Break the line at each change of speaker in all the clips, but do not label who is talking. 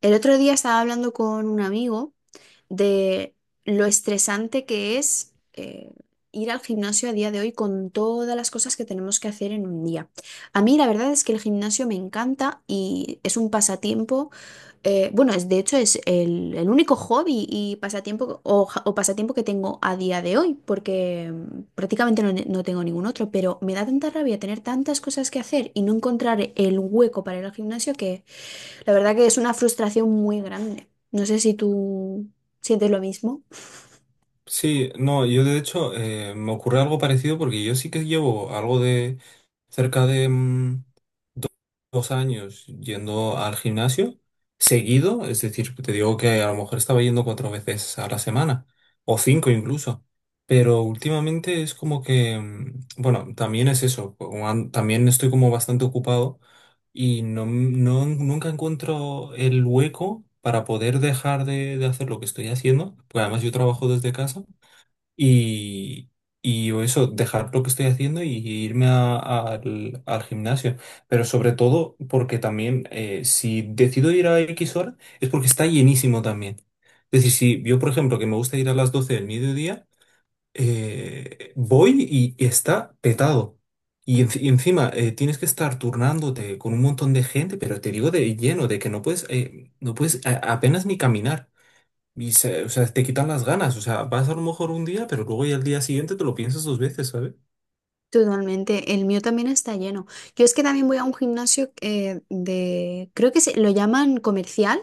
El otro día estaba hablando con un amigo de lo estresante que es ir al gimnasio a día de hoy con todas las cosas que tenemos que hacer en un día. A mí la verdad es que el gimnasio me encanta y es un pasatiempo, bueno, es, de hecho es el único hobby y pasatiempo o, o pasatiempo que tengo a día de hoy, porque prácticamente no tengo ningún otro, pero me da tanta rabia tener tantas cosas que hacer y no encontrar el hueco para ir al gimnasio que la verdad que es una frustración muy grande. No sé si tú sientes lo mismo.
Sí, no, yo de hecho me ocurre algo parecido porque yo sí que llevo algo de cerca de 2 años yendo al gimnasio seguido. Es decir, te digo que a lo mejor estaba yendo 4 veces a la semana o 5 incluso, pero últimamente es como que, bueno, también es eso, también estoy como bastante ocupado y no nunca encuentro el hueco para poder dejar de hacer lo que estoy haciendo, porque además yo trabajo desde casa. Y, y o eso, dejar lo que estoy haciendo y irme al gimnasio. Pero sobre todo porque también, si decido ir a X hora es porque está llenísimo también. Es decir, si yo, por ejemplo, que me gusta ir a las 12 del mediodía, voy y está petado. Y encima, tienes que estar turnándote con un montón de gente, pero te digo de lleno, de que no puedes, no puedes apenas ni caminar. O sea, te quitan las ganas. O sea, vas a lo mejor un día, pero luego ya al día siguiente te lo piensas dos veces, ¿sabes?
Totalmente. El mío también está lleno. Yo es que también voy a un gimnasio de, creo que se, lo llaman comercial,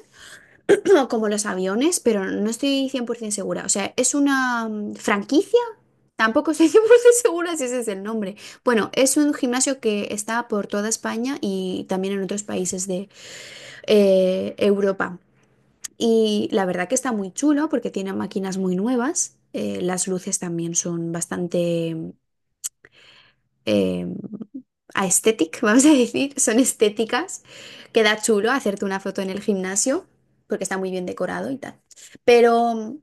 como los aviones, pero no estoy 100% segura. O sea, es una franquicia. Tampoco estoy 100% segura si ese es el nombre. Bueno, es un gimnasio que está por toda España y también en otros países de Europa. Y la verdad que está muy chulo porque tiene máquinas muy nuevas. Las luces también son bastante eh, aesthetic, vamos a decir, son estéticas. Queda chulo hacerte una foto en el gimnasio porque está muy bien decorado y tal. Pero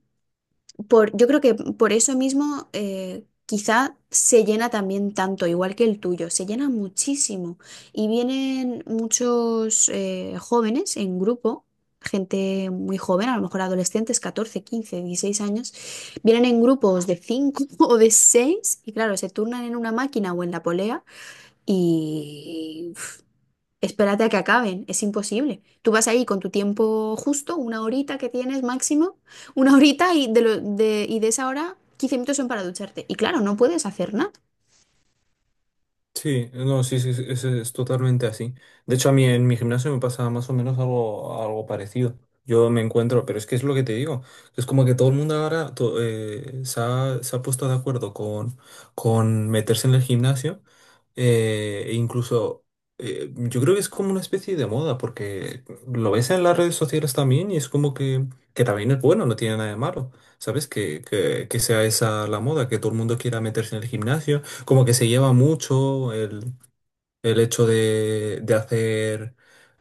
por, yo creo que por eso mismo quizá se llena también tanto, igual que el tuyo, se llena muchísimo. Y vienen muchos jóvenes en grupo, gente muy joven, a lo mejor adolescentes, 14 15 16 años, vienen en grupos de 5 o de 6 y claro, se turnan en una máquina o en la polea y... uf, espérate a que acaben, es imposible. Tú vas ahí con tu tiempo justo, una horita que tienes máximo, una horita y de, y de esa hora 15 minutos son para ducharte. Y claro, no puedes hacer nada.
Sí, no, sí, sí, sí, es totalmente así. De hecho, a mí en mi gimnasio me pasa más o menos algo, algo parecido. Yo me encuentro, pero es que es lo que te digo. Es como que todo el mundo ahora se ha puesto de acuerdo con meterse en el gimnasio. E incluso, yo creo que es como una especie de moda, porque lo ves en las redes sociales también y es como que también es bueno, no tiene nada de malo. ¿Sabes? Que sea esa la moda, que todo el mundo quiera meterse en el gimnasio, como que se lleva mucho el hecho de hacer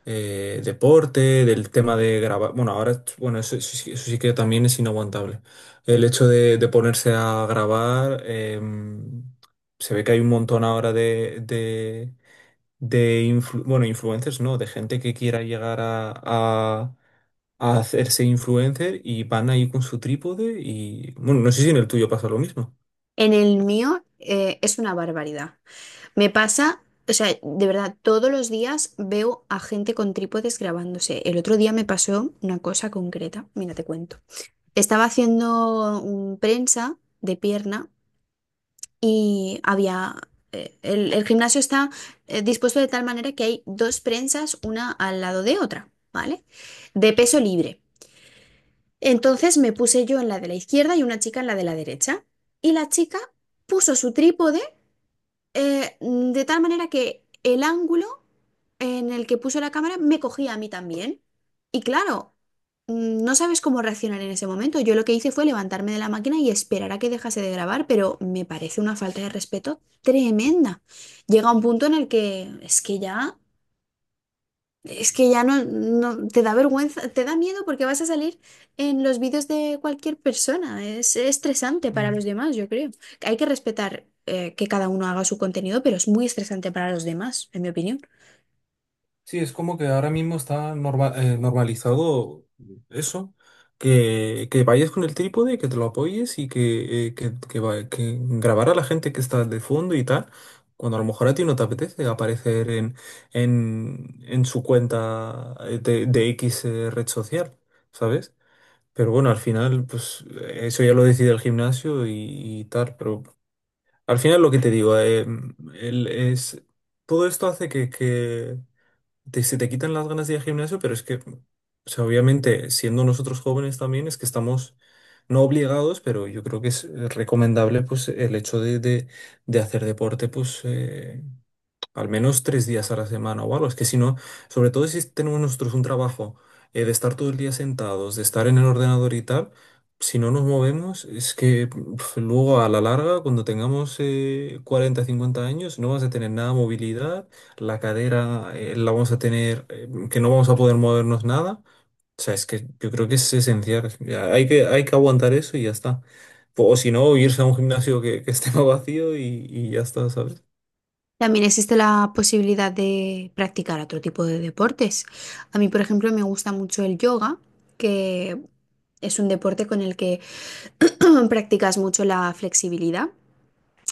deporte, del tema de grabar. Bueno, ahora, bueno, eso, eso sí que también es inaguantable. El hecho de ponerse a grabar, se ve que hay un montón ahora de bueno, influencers, ¿no? De gente que quiera llegar a hacerse influencer y van ahí con su trípode y, bueno, no sé si en el tuyo pasa lo mismo.
En el mío es una barbaridad. Me pasa, o sea, de verdad, todos los días veo a gente con trípodes grabándose. El otro día me pasó una cosa concreta, mira, te cuento. Estaba haciendo un prensa de pierna y había, el gimnasio está dispuesto de tal manera que hay dos prensas, una al lado de otra, ¿vale? De peso libre. Entonces me puse yo en la de la izquierda y una chica en la de la derecha. Y la chica puso su trípode de tal manera que el ángulo en el que puso la cámara me cogía a mí también. Y claro, no sabes cómo reaccionar en ese momento. Yo lo que hice fue levantarme de la máquina y esperar a que dejase de grabar, pero me parece una falta de respeto tremenda. Llega un punto en el que es que ya... Es que ya no, te da vergüenza, te da miedo porque vas a salir en los vídeos de cualquier persona. Es estresante para los demás, yo creo. Hay que respetar que cada uno haga su contenido, pero es muy estresante para los demás, en mi opinión.
Sí, es como que ahora mismo está normalizado eso, que vayas con el trípode, que te lo apoyes y que, que grabar a la gente que está de fondo y tal, cuando a lo mejor a ti no te apetece aparecer en su cuenta, de X, red social, ¿sabes? Pero bueno, al final, pues eso ya lo decide el gimnasio y tal, pero al final lo que te digo, es, todo esto hace que se te quitan las ganas de ir al gimnasio, pero es que, o sea, obviamente, siendo nosotros jóvenes también, es que estamos no obligados, pero yo creo que es, recomendable, pues, el hecho de hacer deporte, pues, al menos 3 días a la semana o algo. Es que si no, sobre todo si tenemos nosotros un trabajo, de estar todo el día sentados, de estar en el ordenador y tal, si no nos movemos, es que pf, luego a la larga, cuando tengamos, 40, 50 años, no vas a tener nada de movilidad, la cadera, la vamos a tener, que no vamos a poder movernos nada. O sea, es que yo creo que es esencial. Ya, hay que, hay que aguantar eso y ya está. O si no, irse a un gimnasio que esté más vacío y ya está, ¿sabes?
También existe la posibilidad de practicar otro tipo de deportes. A mí, por ejemplo, me gusta mucho el yoga, que es un deporte con el que practicas mucho la flexibilidad.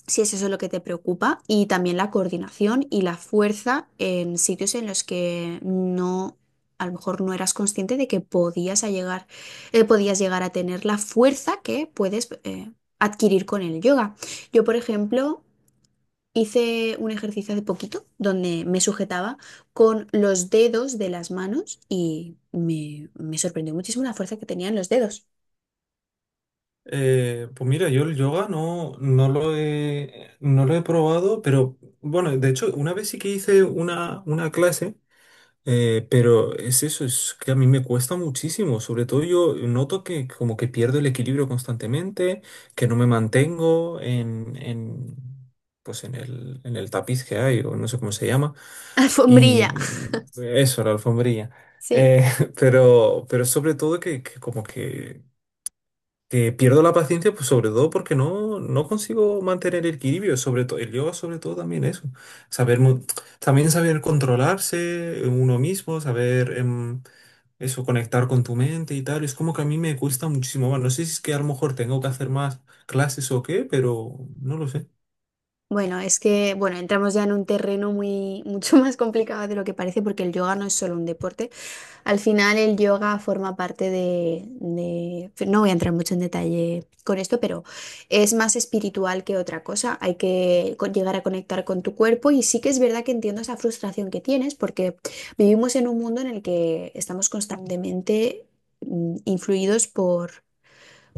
Si es eso lo que te preocupa, y también la coordinación y la fuerza en sitios en los que no, a lo mejor no eras consciente de que podías a llegar, podías llegar a tener la fuerza que puedes adquirir con el yoga. Yo, por ejemplo, hice un ejercicio hace poquito donde me sujetaba con los dedos de las manos y me sorprendió muchísimo la fuerza que tenían los dedos.
Pues mira, yo el yoga no lo he probado, pero bueno, de hecho, una vez sí que hice una clase, pero es eso, es que a mí me cuesta muchísimo, sobre todo yo noto que como que pierdo el equilibrio constantemente, que no me mantengo pues en el tapiz que hay, o no sé cómo se llama, y
Alfombrilla.
eso, la alfombrilla.
Sí.
Eh, pero sobre todo que como que pierdo la paciencia, pues sobre todo porque no consigo mantener el equilibrio, sobre todo el yoga, sobre todo también eso. Saber mo- También saber controlarse uno mismo, saber eso, conectar con tu mente y tal. Es como que a mí me cuesta muchísimo más. No sé si es que a lo mejor tengo que hacer más clases o qué, pero no lo sé.
Bueno, es que, bueno, entramos ya en un terreno muy, mucho más complicado de lo que parece porque el yoga no es solo un deporte. Al final el yoga forma parte de, no voy a entrar mucho en detalle con esto, pero es más espiritual que otra cosa. Hay que llegar a conectar con tu cuerpo y sí que es verdad que entiendo esa frustración que tienes porque vivimos en un mundo en el que estamos constantemente influidos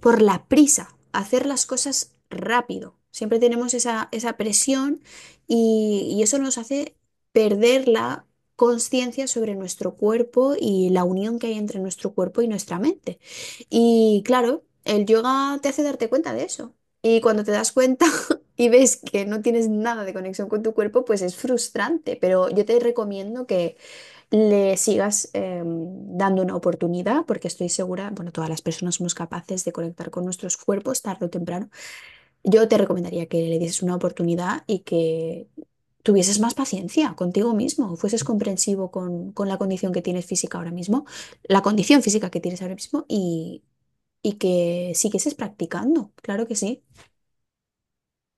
por la prisa, hacer las cosas rápido. Siempre tenemos esa presión y eso nos hace perder la conciencia sobre nuestro cuerpo y la unión que hay entre nuestro cuerpo y nuestra mente. Y claro, el yoga te hace darte cuenta de eso. Y cuando te das cuenta y ves que no tienes nada de conexión con tu cuerpo, pues es frustrante. Pero yo te recomiendo que le sigas dando una oportunidad, porque estoy segura, bueno, todas las personas somos capaces de conectar con nuestros cuerpos tarde o temprano. Yo te recomendaría que le dieses una oportunidad y que tuvieses más paciencia contigo mismo, fueses comprensivo con la condición que tienes física ahora mismo, la condición física que tienes ahora mismo y que siguieses practicando, claro que sí.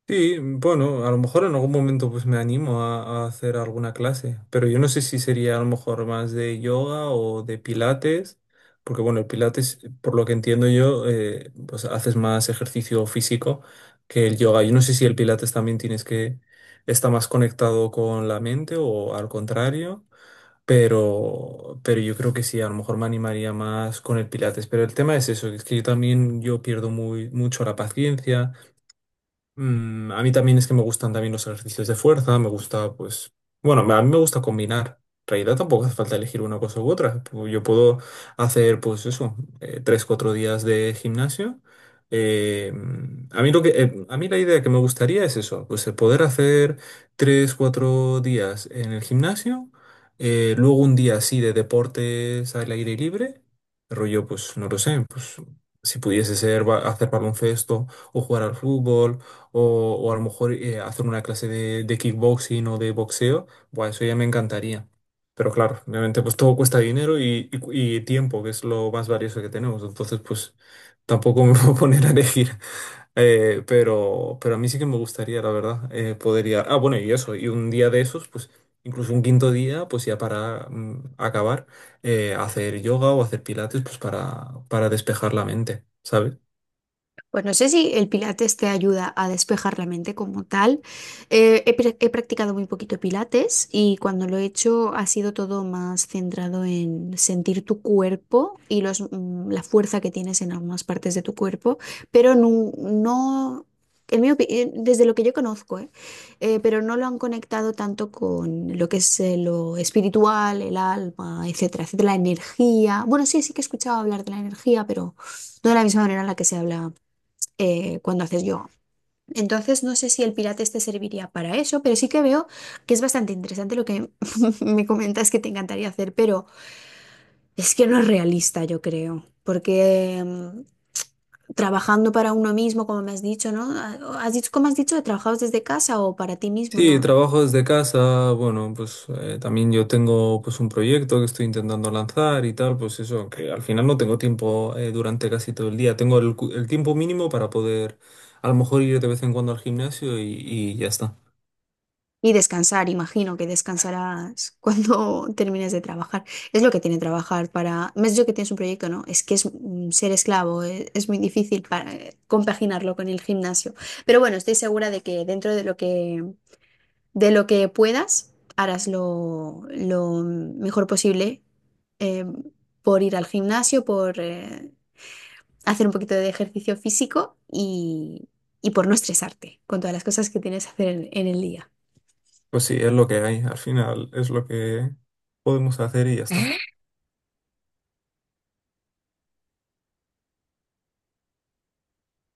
Sí, bueno, a lo mejor en algún momento pues me animo a hacer alguna clase, pero yo no sé si sería a lo mejor más de yoga o de pilates, porque bueno, el pilates, por lo que entiendo yo, pues haces más ejercicio físico que el yoga. Yo no sé si el pilates también tienes que, está más conectado con la mente o al contrario, pero yo creo que sí, a lo mejor me animaría más con el pilates. Pero el tema es eso, es que yo también yo pierdo muy, mucho la paciencia. Mm, a mí también es que me gustan también los ejercicios de fuerza, me gusta, pues, bueno, a mí me gusta combinar. En realidad tampoco hace falta elegir una cosa u otra. Yo puedo hacer, pues eso, 3, 4 días de gimnasio. Eh, a mí lo que, a mí la idea que me gustaría es eso, pues el poder hacer 3, 4 días en el gimnasio, luego un día así de deportes al aire libre, rollo, pues no lo sé, pues si pudiese ser ba- hacer baloncesto o jugar al fútbol o a lo mejor, hacer una clase de kickboxing o de boxeo, bueno, eso ya me encantaría. Pero claro, obviamente pues todo cuesta dinero y tiempo, que es lo más valioso que tenemos. Entonces pues tampoco me voy a poner a elegir. Pero a mí sí que me gustaría, la verdad, Ah, bueno, y eso, y un día de esos, pues incluso un 5.º día, pues ya para acabar, hacer yoga o hacer pilates, pues para despejar la mente, ¿sabes?
Pues no sé si el pilates te ayuda a despejar la mente como tal. He practicado muy poquito pilates y cuando lo he hecho ha sido todo más centrado en sentir tu cuerpo y los, la fuerza que tienes en algunas partes de tu cuerpo, pero no, no desde lo que yo conozco, ¿eh? Pero no lo han conectado tanto con lo que es lo espiritual, el alma, etcétera, etcétera, la energía. Bueno, sí, sí que he escuchado hablar de la energía, pero... No de la misma manera en la que se habla cuando haces yoga. Entonces, no sé si el Pilates te serviría para eso, pero sí que veo que es bastante interesante lo que me comentas que te encantaría hacer, pero es que no es realista, yo creo, porque trabajando para uno mismo, como me has dicho, ¿no? Ah, ¿has dicho, cómo has dicho, trabajabas desde casa o para ti mismo?
Sí,
No,
trabajo desde casa, bueno, pues también yo tengo pues un proyecto que estoy intentando lanzar y tal, pues eso, que al final no tengo tiempo, durante casi todo el día tengo el tiempo mínimo para poder a lo mejor ir de vez en cuando al gimnasio y ya está.
y descansar, imagino que descansarás cuando termines de trabajar. Es lo que tiene trabajar para... Me has dicho que tienes un proyecto, ¿no? Es que es ser esclavo, es, muy difícil para compaginarlo con el gimnasio. Pero bueno, estoy segura de que dentro de lo que puedas, harás lo mejor posible eh, por ir al gimnasio, por hacer un poquito de ejercicio físico y por no estresarte con todas las cosas que tienes que hacer en el día.
Pues sí, es lo que hay, al final es lo que podemos hacer y ya está.